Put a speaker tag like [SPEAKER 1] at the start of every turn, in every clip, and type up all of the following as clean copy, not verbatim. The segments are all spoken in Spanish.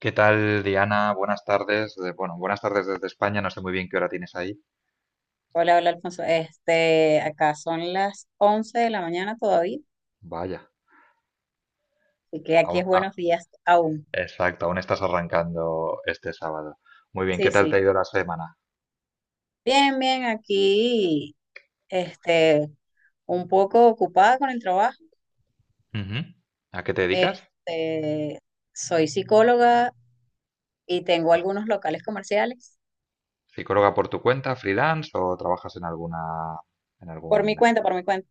[SPEAKER 1] ¿Qué tal, Diana? Buenas tardes. Bueno, buenas tardes desde España. No sé muy bien qué hora tienes ahí.
[SPEAKER 2] Hola, hola Alfonso. Acá son las 11 de la mañana todavía,
[SPEAKER 1] Vaya,
[SPEAKER 2] así que aquí
[SPEAKER 1] aún,
[SPEAKER 2] es
[SPEAKER 1] ah,
[SPEAKER 2] buenos días aún.
[SPEAKER 1] exacto, aún estás arrancando este sábado. Muy bien, ¿qué
[SPEAKER 2] Sí,
[SPEAKER 1] tal te ha
[SPEAKER 2] sí.
[SPEAKER 1] ido la semana?
[SPEAKER 2] Bien, bien, aquí, este, un poco ocupada con el trabajo.
[SPEAKER 1] Ujú. ¿A qué te dedicas?
[SPEAKER 2] Este, soy psicóloga y tengo algunos locales comerciales
[SPEAKER 1] ¿Psicóloga por tu cuenta, freelance o trabajas en alguna, en algún,
[SPEAKER 2] por mi cuenta,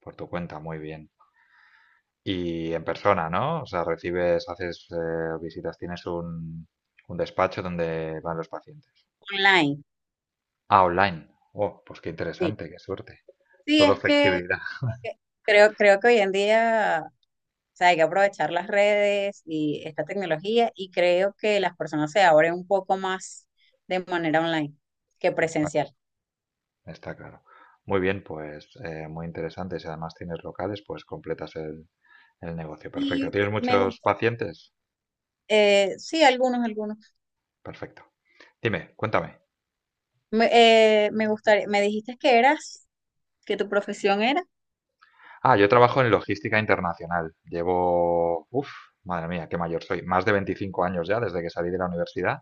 [SPEAKER 1] por tu cuenta? Muy bien. Y en persona, ¿no? O sea, recibes, haces visitas, tienes un despacho donde van los pacientes.
[SPEAKER 2] online.
[SPEAKER 1] Ah, online. Oh, pues qué
[SPEAKER 2] Sí,
[SPEAKER 1] interesante, qué suerte.
[SPEAKER 2] sí,
[SPEAKER 1] Todo
[SPEAKER 2] es que, es
[SPEAKER 1] flexibilidad.
[SPEAKER 2] que creo que hoy en día. O sea, hay que aprovechar las redes y esta tecnología y creo que las personas se abren un poco más de manera online que
[SPEAKER 1] Está claro,
[SPEAKER 2] presencial.
[SPEAKER 1] está claro. Muy bien, pues muy interesante. Si además tienes locales, pues completas el negocio. Perfecto.
[SPEAKER 2] Y
[SPEAKER 1] ¿Tienes
[SPEAKER 2] me
[SPEAKER 1] muchos
[SPEAKER 2] gusta,
[SPEAKER 1] pacientes?
[SPEAKER 2] sí, algunos, algunos.
[SPEAKER 1] Perfecto. Dime, cuéntame.
[SPEAKER 2] Me, me gustaría, me dijiste que tu profesión era.
[SPEAKER 1] Ah, yo trabajo en logística internacional. Llevo, uff, madre mía, qué mayor soy. Más de 25 años ya desde que salí de la universidad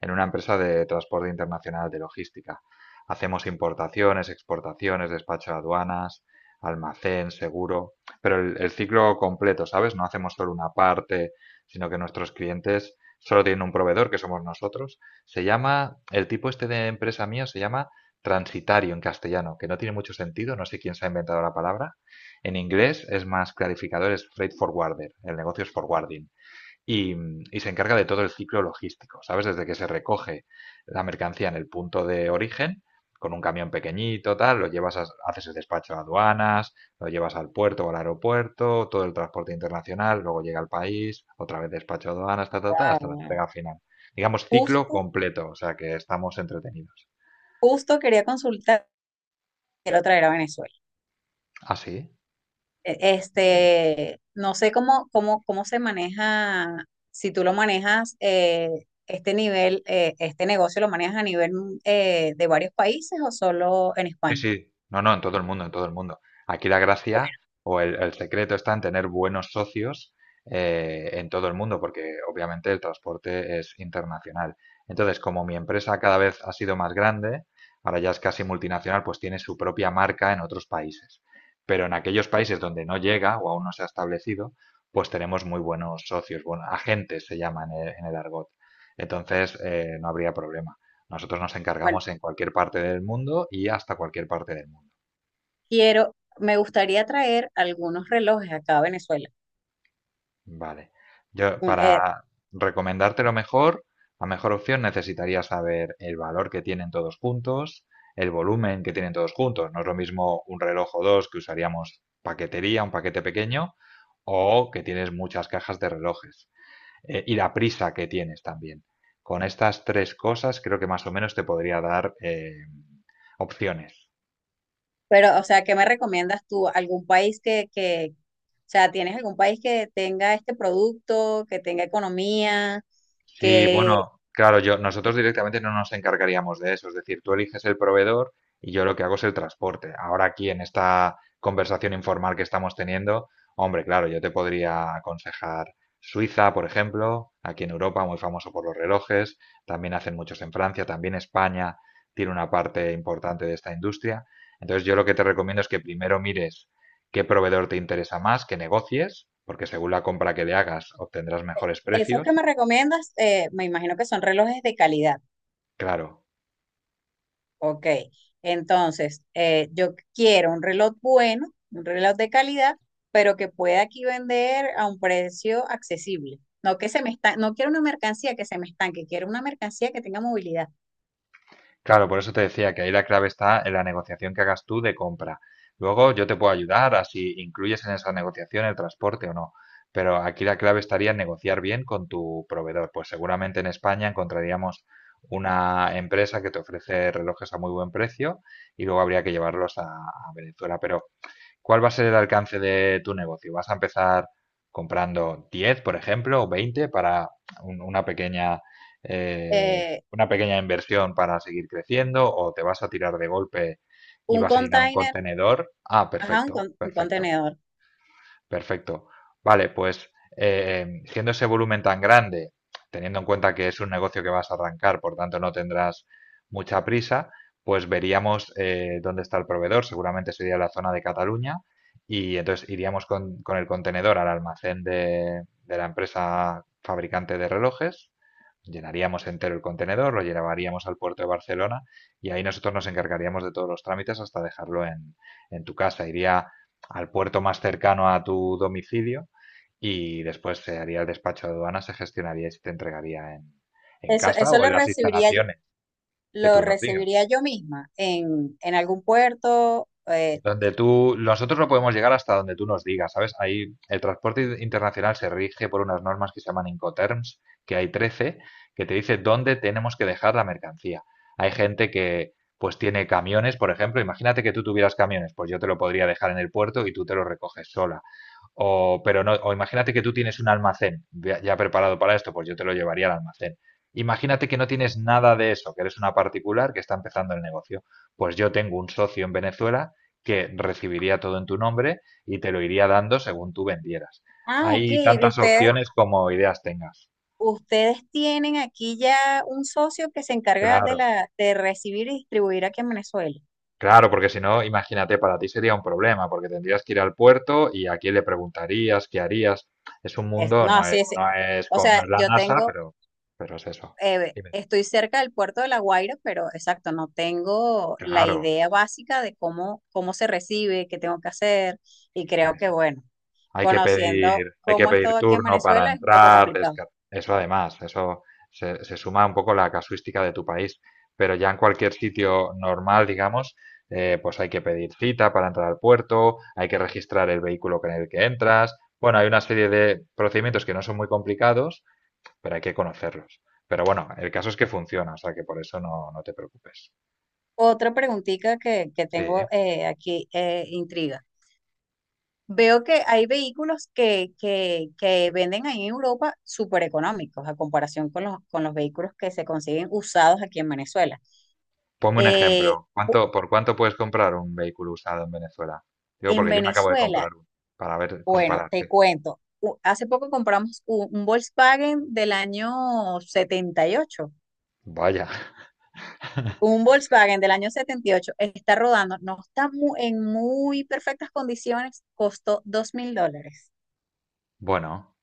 [SPEAKER 1] en una empresa de transporte internacional de logística. Hacemos importaciones, exportaciones, despacho de aduanas, almacén, seguro, pero el ciclo completo, ¿sabes? No hacemos solo una parte, sino que nuestros clientes solo tienen un proveedor, que somos nosotros. El tipo este de empresa mío se llama transitario en castellano, que no tiene mucho sentido, no sé quién se ha inventado la palabra. En inglés es más clarificador, es freight forwarder, el negocio es forwarding, y, y se encarga de todo el ciclo logístico, ¿sabes? Desde que se recoge la mercancía en el punto de origen, con un camión pequeñito, tal, lo llevas, haces el despacho a aduanas, lo llevas al puerto o al aeropuerto, todo el transporte internacional, luego llega al país, otra vez despacho a aduanas, hasta la
[SPEAKER 2] Wow.
[SPEAKER 1] entrega final. Digamos, ciclo
[SPEAKER 2] Justo,
[SPEAKER 1] completo, o sea que estamos entretenidos.
[SPEAKER 2] justo quería consultar, quiero traer a Venezuela.
[SPEAKER 1] Ah, sí, muy bien.
[SPEAKER 2] No sé cómo se maneja, si tú lo manejas, este negocio lo manejas a nivel de varios países o solo en
[SPEAKER 1] Sí,
[SPEAKER 2] España.
[SPEAKER 1] sí, no, no, en todo el mundo, en todo el mundo. Aquí la
[SPEAKER 2] Bueno,
[SPEAKER 1] gracia o el secreto está en tener buenos socios en todo el mundo, porque obviamente el transporte es internacional. Entonces, como mi empresa cada vez ha sido más grande, ahora ya es casi multinacional, pues tiene su propia marca en otros países. Pero en aquellos países donde no llega o aún no se ha establecido, pues tenemos muy buenos socios, bueno, agentes se llaman en en el argot. Entonces, no habría problema. Nosotros nos
[SPEAKER 2] bueno,
[SPEAKER 1] encargamos en cualquier parte del mundo y hasta cualquier parte del mundo.
[SPEAKER 2] me gustaría traer algunos relojes acá a Venezuela.
[SPEAKER 1] Vale.
[SPEAKER 2] Un- eh,
[SPEAKER 1] Para recomendarte lo mejor, la mejor opción necesitaría saber el valor que tienen todos juntos, el volumen que tienen todos juntos. No es lo mismo un reloj o dos que usaríamos paquetería, un paquete pequeño, o que tienes muchas cajas de relojes. Y la prisa que tienes también. Con estas tres cosas creo que más o menos te podría dar opciones.
[SPEAKER 2] pero, o sea, ¿qué me recomiendas tú? ¿Algún país que, O sea, ¿tienes algún país que tenga este producto, que tenga economía,
[SPEAKER 1] Sí,
[SPEAKER 2] que
[SPEAKER 1] bueno, claro, nosotros directamente no nos encargaríamos de eso, es decir, tú eliges el proveedor y yo lo que hago es el transporte. Ahora aquí en esta conversación informal que estamos teniendo, hombre, claro, yo te podría aconsejar Suiza, por ejemplo. Aquí en Europa, muy famoso por los relojes, también hacen muchos en Francia, también España tiene una parte importante de esta industria. Entonces yo lo que te recomiendo es que primero mires qué proveedor te interesa más, que negocies, porque según la compra que le hagas obtendrás mejores
[SPEAKER 2] esos que
[SPEAKER 1] precios.
[SPEAKER 2] me recomiendas, me imagino que son relojes de calidad?
[SPEAKER 1] Claro,
[SPEAKER 2] Ok, entonces yo quiero un reloj bueno, un reloj de calidad, pero que pueda aquí vender a un precio accesible. No que se me está, No quiero una mercancía que se me estanque, quiero una mercancía que tenga movilidad.
[SPEAKER 1] claro, por eso te decía que ahí la clave está en la negociación que hagas tú de compra. Luego yo te puedo ayudar a si incluyes en esa negociación el transporte o no. Pero aquí la clave estaría en negociar bien con tu proveedor. Pues seguramente en España encontraríamos una empresa que te ofrece relojes a muy buen precio y luego habría que llevarlos a Venezuela. Pero ¿cuál va a ser el alcance de tu negocio? ¿Vas a empezar comprando 10, por ejemplo, o 20 para un- una pequeña, eh,
[SPEAKER 2] Eh,
[SPEAKER 1] una pequeña inversión para seguir creciendo? ¿O te vas a tirar de golpe y
[SPEAKER 2] un
[SPEAKER 1] vas a llenar un
[SPEAKER 2] container,
[SPEAKER 1] contenedor? Ah,
[SPEAKER 2] ajá, un,
[SPEAKER 1] perfecto,
[SPEAKER 2] con- un
[SPEAKER 1] perfecto.
[SPEAKER 2] contenedor.
[SPEAKER 1] Perfecto. Vale, pues siendo ese volumen tan grande, teniendo en cuenta que es un negocio que vas a arrancar, por tanto no tendrás mucha prisa, pues veríamos dónde está el proveedor. Seguramente sería la zona de Cataluña, y entonces iríamos con el contenedor al almacén de la empresa fabricante de relojes, llenaríamos entero el contenedor, lo llevaríamos al puerto de Barcelona y ahí nosotros nos encargaríamos de todos los trámites hasta dejarlo en tu casa. Iría al puerto más cercano a tu domicilio, y después se haría el despacho de aduanas, se gestionaría y se te entregaría en
[SPEAKER 2] Eso,
[SPEAKER 1] casa
[SPEAKER 2] eso
[SPEAKER 1] o en las instalaciones que
[SPEAKER 2] lo
[SPEAKER 1] tú nos digas.
[SPEAKER 2] recibiría yo misma en algún puerto.
[SPEAKER 1] Donde tú, nosotros no podemos llegar hasta donde tú nos digas, ¿sabes? Ahí el transporte internacional se rige por unas normas que se llaman Incoterms, que hay 13, que te dice dónde tenemos que dejar la mercancía. Hay gente que pues tiene camiones, por ejemplo. Imagínate que tú tuvieras camiones, pues yo te lo podría dejar en el puerto y tú te lo recoges sola. O, pero no, o imagínate que tú tienes un almacén ya preparado para esto, pues yo te lo llevaría al almacén. Imagínate que no tienes nada de eso, que eres una particular que está empezando el negocio. Pues yo tengo un socio en Venezuela que recibiría todo en tu nombre y te lo iría dando según tú vendieras.
[SPEAKER 2] Ah, ok,
[SPEAKER 1] Hay tantas
[SPEAKER 2] ustedes,
[SPEAKER 1] opciones como ideas tengas.
[SPEAKER 2] ustedes tienen aquí ya un socio que se encarga de
[SPEAKER 1] Claro,
[SPEAKER 2] la de recibir y distribuir aquí en Venezuela.
[SPEAKER 1] claro, porque si no, imagínate, para ti sería un problema, porque tendrías que ir al puerto y a quién le preguntarías, qué harías. Es un mundo,
[SPEAKER 2] No, sí, sí. O
[SPEAKER 1] no
[SPEAKER 2] sea,
[SPEAKER 1] es la NASA, pero, es eso. Dime.
[SPEAKER 2] estoy cerca del puerto de La Guaira, pero exacto, no tengo la
[SPEAKER 1] Claro,
[SPEAKER 2] idea básica de cómo se recibe, qué tengo que hacer. Y creo que, bueno, conociendo
[SPEAKER 1] Hay que
[SPEAKER 2] cómo es
[SPEAKER 1] pedir
[SPEAKER 2] todo aquí en
[SPEAKER 1] turno para
[SPEAKER 2] Venezuela, es un poco
[SPEAKER 1] entrar,
[SPEAKER 2] complicado.
[SPEAKER 1] eso además, eso se suma un poco la casuística de tu país, pero ya en cualquier sitio normal, digamos, pues hay que pedir cita para entrar al puerto, hay que registrar el vehículo con el que entras, bueno, hay una serie de procedimientos que no son muy complicados, pero hay que conocerlos. Pero bueno, el caso es que funciona, o sea que por eso no, no te preocupes.
[SPEAKER 2] Otra preguntita que
[SPEAKER 1] Sí.
[SPEAKER 2] tengo aquí, intriga. Veo que hay vehículos que venden ahí en Europa súper económicos a comparación con con los vehículos que se consiguen usados aquí en Venezuela.
[SPEAKER 1] Ponme un
[SPEAKER 2] Eh,
[SPEAKER 1] ejemplo.
[SPEAKER 2] u-
[SPEAKER 1] ¿Cuánto, por cuánto puedes comprar un vehículo usado en Venezuela? Digo,
[SPEAKER 2] en
[SPEAKER 1] porque yo me acabo de
[SPEAKER 2] Venezuela,
[SPEAKER 1] comprar uno para ver,
[SPEAKER 2] bueno,
[SPEAKER 1] comparar. Sí.
[SPEAKER 2] te cuento, hace poco compramos un Volkswagen del año 78.
[SPEAKER 1] Vaya.
[SPEAKER 2] Un Volkswagen del año 78 está rodando, no está en muy perfectas condiciones, costó $2.000,
[SPEAKER 1] Bueno,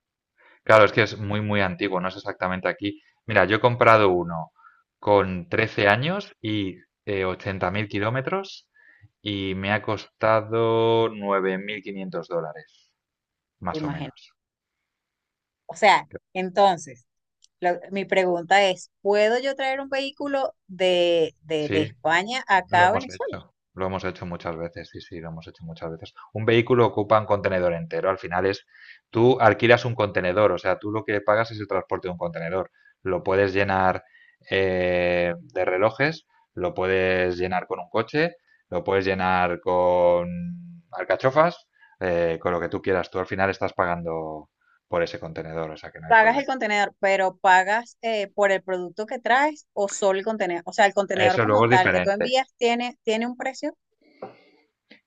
[SPEAKER 1] claro, es que es muy, muy antiguo, no es exactamente aquí. Mira, yo he comprado uno con 13 años y 80.000 kilómetros, y me ha costado $9.500, más o
[SPEAKER 2] imagínate.
[SPEAKER 1] menos.
[SPEAKER 2] O sea, entonces... Mi pregunta es, ¿puedo yo traer un vehículo de
[SPEAKER 1] Sí,
[SPEAKER 2] España
[SPEAKER 1] Lo
[SPEAKER 2] acá a
[SPEAKER 1] hemos
[SPEAKER 2] Venezuela?
[SPEAKER 1] hecho, lo hemos hecho muchas veces, sí, sí, lo hemos hecho muchas veces. Un vehículo ocupa un contenedor entero, al final es, tú alquilas un contenedor, o sea, tú lo que pagas es el transporte de un contenedor. Lo puedes llenar de relojes, lo puedes llenar con un coche, lo puedes llenar con alcachofas, con lo que tú quieras. Tú al final estás pagando por ese contenedor, o sea que no hay
[SPEAKER 2] Pagas
[SPEAKER 1] problema.
[SPEAKER 2] el contenedor, pero pagas por el producto que traes o solo el contenedor. O sea, el contenedor
[SPEAKER 1] Eso luego
[SPEAKER 2] como
[SPEAKER 1] es
[SPEAKER 2] tal que tú
[SPEAKER 1] diferente.
[SPEAKER 2] envías tiene un precio.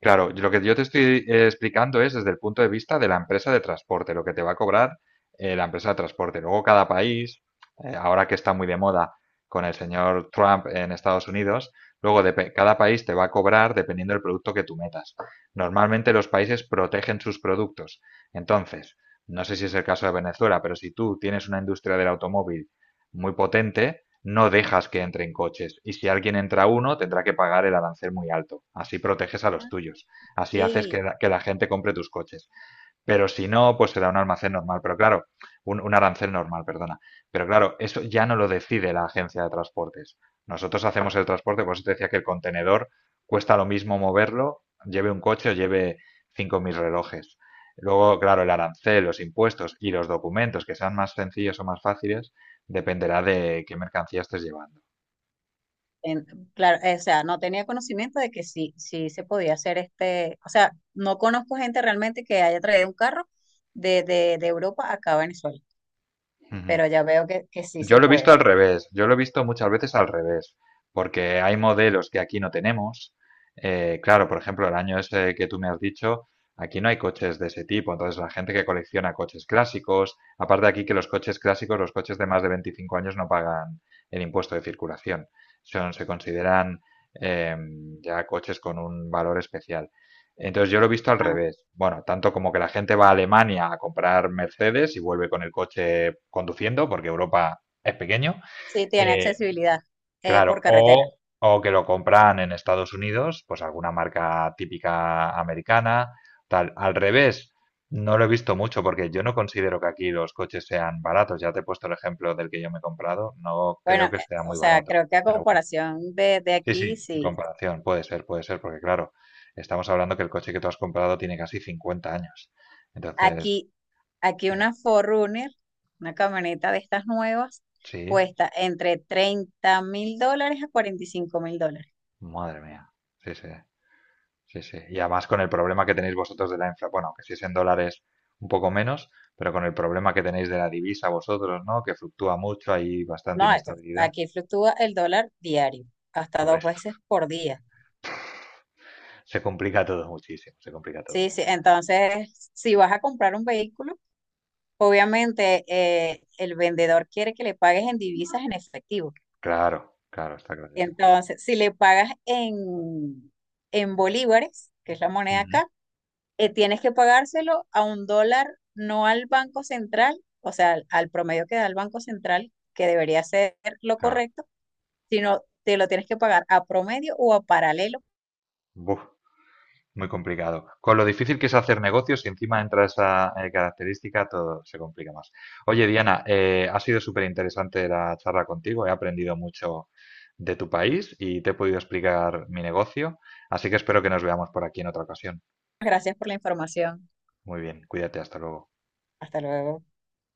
[SPEAKER 1] Claro, lo que yo te estoy explicando es desde el punto de vista de la empresa de transporte, lo que te va a cobrar la empresa de transporte. Luego cada país, ahora que está muy de moda con el señor Trump en Estados Unidos, luego cada país te va a cobrar dependiendo del producto que tú metas. Normalmente los países protegen sus productos. Entonces, no sé si es el caso de Venezuela, pero si tú tienes una industria del automóvil muy potente, no dejas que entren coches. Y si alguien entra uno, tendrá que pagar el arancel muy alto. Así proteges a los
[SPEAKER 2] Ah,
[SPEAKER 1] tuyos. Así haces
[SPEAKER 2] y
[SPEAKER 1] que la gente compre tus coches. Pero si no, pues se da un almacén normal, pero claro, un arancel normal, perdona. Pero claro, eso ya no lo decide la agencia de transportes. Nosotros hacemos el transporte, por eso te decía que el contenedor cuesta lo mismo moverlo, lleve un coche o lleve 5.000 relojes. Luego, claro, el arancel, los impuestos y los documentos que sean más sencillos o más fáciles, dependerá de qué mercancía estés llevando.
[SPEAKER 2] en- claro, o sea, no tenía conocimiento de que sí, sí se podía hacer este. O sea, no conozco gente realmente que haya traído un carro de Europa acá a Venezuela,
[SPEAKER 1] Ujú.
[SPEAKER 2] pero ya veo que sí
[SPEAKER 1] Yo
[SPEAKER 2] se
[SPEAKER 1] lo he visto al
[SPEAKER 2] puede.
[SPEAKER 1] revés, yo lo he visto muchas veces al revés, porque hay modelos que aquí no tenemos. Claro, por ejemplo, el año ese que tú me has dicho, aquí no hay coches de ese tipo. Entonces la gente que colecciona coches clásicos, aparte aquí que los coches clásicos, los coches de más de 25 años no pagan el impuesto de circulación, son, se consideran eh, ya coches con un valor especial. Entonces yo lo he visto al
[SPEAKER 2] Ah,
[SPEAKER 1] revés. Bueno, tanto como que la gente va a Alemania a comprar Mercedes y vuelve con el coche conduciendo, porque Europa es pequeño,
[SPEAKER 2] sí, tiene
[SPEAKER 1] eh,
[SPEAKER 2] accesibilidad por
[SPEAKER 1] claro,
[SPEAKER 2] carretera.
[SPEAKER 1] o que lo compran en Estados Unidos, pues alguna marca típica americana, tal. Al revés, no lo he visto mucho porque yo no considero que aquí los coches sean baratos. Ya te he puesto el ejemplo del que yo me he comprado, no
[SPEAKER 2] Bueno,
[SPEAKER 1] creo que sea
[SPEAKER 2] o
[SPEAKER 1] muy
[SPEAKER 2] sea,
[SPEAKER 1] barato.
[SPEAKER 2] creo que a
[SPEAKER 1] Pero bueno,
[SPEAKER 2] comparación de
[SPEAKER 1] sí,
[SPEAKER 2] aquí,
[SPEAKER 1] sí, en
[SPEAKER 2] sí.
[SPEAKER 1] comparación, puede ser, porque claro, estamos hablando que el coche que tú has comprado tiene casi 50 años. Entonces,
[SPEAKER 2] Aquí, aquí
[SPEAKER 1] sí,
[SPEAKER 2] una Forerunner, una camioneta de estas nuevas,
[SPEAKER 1] sí,
[SPEAKER 2] cuesta entre $30.000 a $45.000.
[SPEAKER 1] madre mía, sí, sí. Sí, sí. Y además con el problema que tenéis vosotros de la inflación, bueno, que si es en dólares un poco menos, pero con el problema que tenéis de la divisa vosotros, ¿no? Que fluctúa mucho, hay bastante
[SPEAKER 2] No, esto,
[SPEAKER 1] inestabilidad.
[SPEAKER 2] aquí fluctúa el dólar diario, hasta
[SPEAKER 1] Por
[SPEAKER 2] dos
[SPEAKER 1] eso
[SPEAKER 2] veces por día.
[SPEAKER 1] se complica todo muchísimo, se complica todo
[SPEAKER 2] Sí, sí.
[SPEAKER 1] muchísimo.
[SPEAKER 2] Entonces, si vas a comprar un vehículo, obviamente el vendedor quiere que le pagues en divisas en efectivo.
[SPEAKER 1] Claro, claro, está clarísimo.
[SPEAKER 2] Entonces, si le pagas en bolívares, que es la moneda
[SPEAKER 1] Ujú,
[SPEAKER 2] acá, tienes que pagárselo a un dólar, no al Banco Central, o sea, al promedio que da el Banco Central, que debería ser lo
[SPEAKER 1] Claro.
[SPEAKER 2] correcto, sino te lo tienes que pagar a promedio o a paralelo.
[SPEAKER 1] Buf. Muy complicado. Con lo difícil que es hacer negocios y encima entra esa característica, todo se complica más. Oye, Diana, ha sido súper interesante la charla contigo. He aprendido mucho de tu país y te he podido explicar mi negocio. Así que espero que nos veamos por aquí en otra ocasión.
[SPEAKER 2] Gracias por la información.
[SPEAKER 1] Muy bien, cuídate, hasta luego.
[SPEAKER 2] Hasta luego.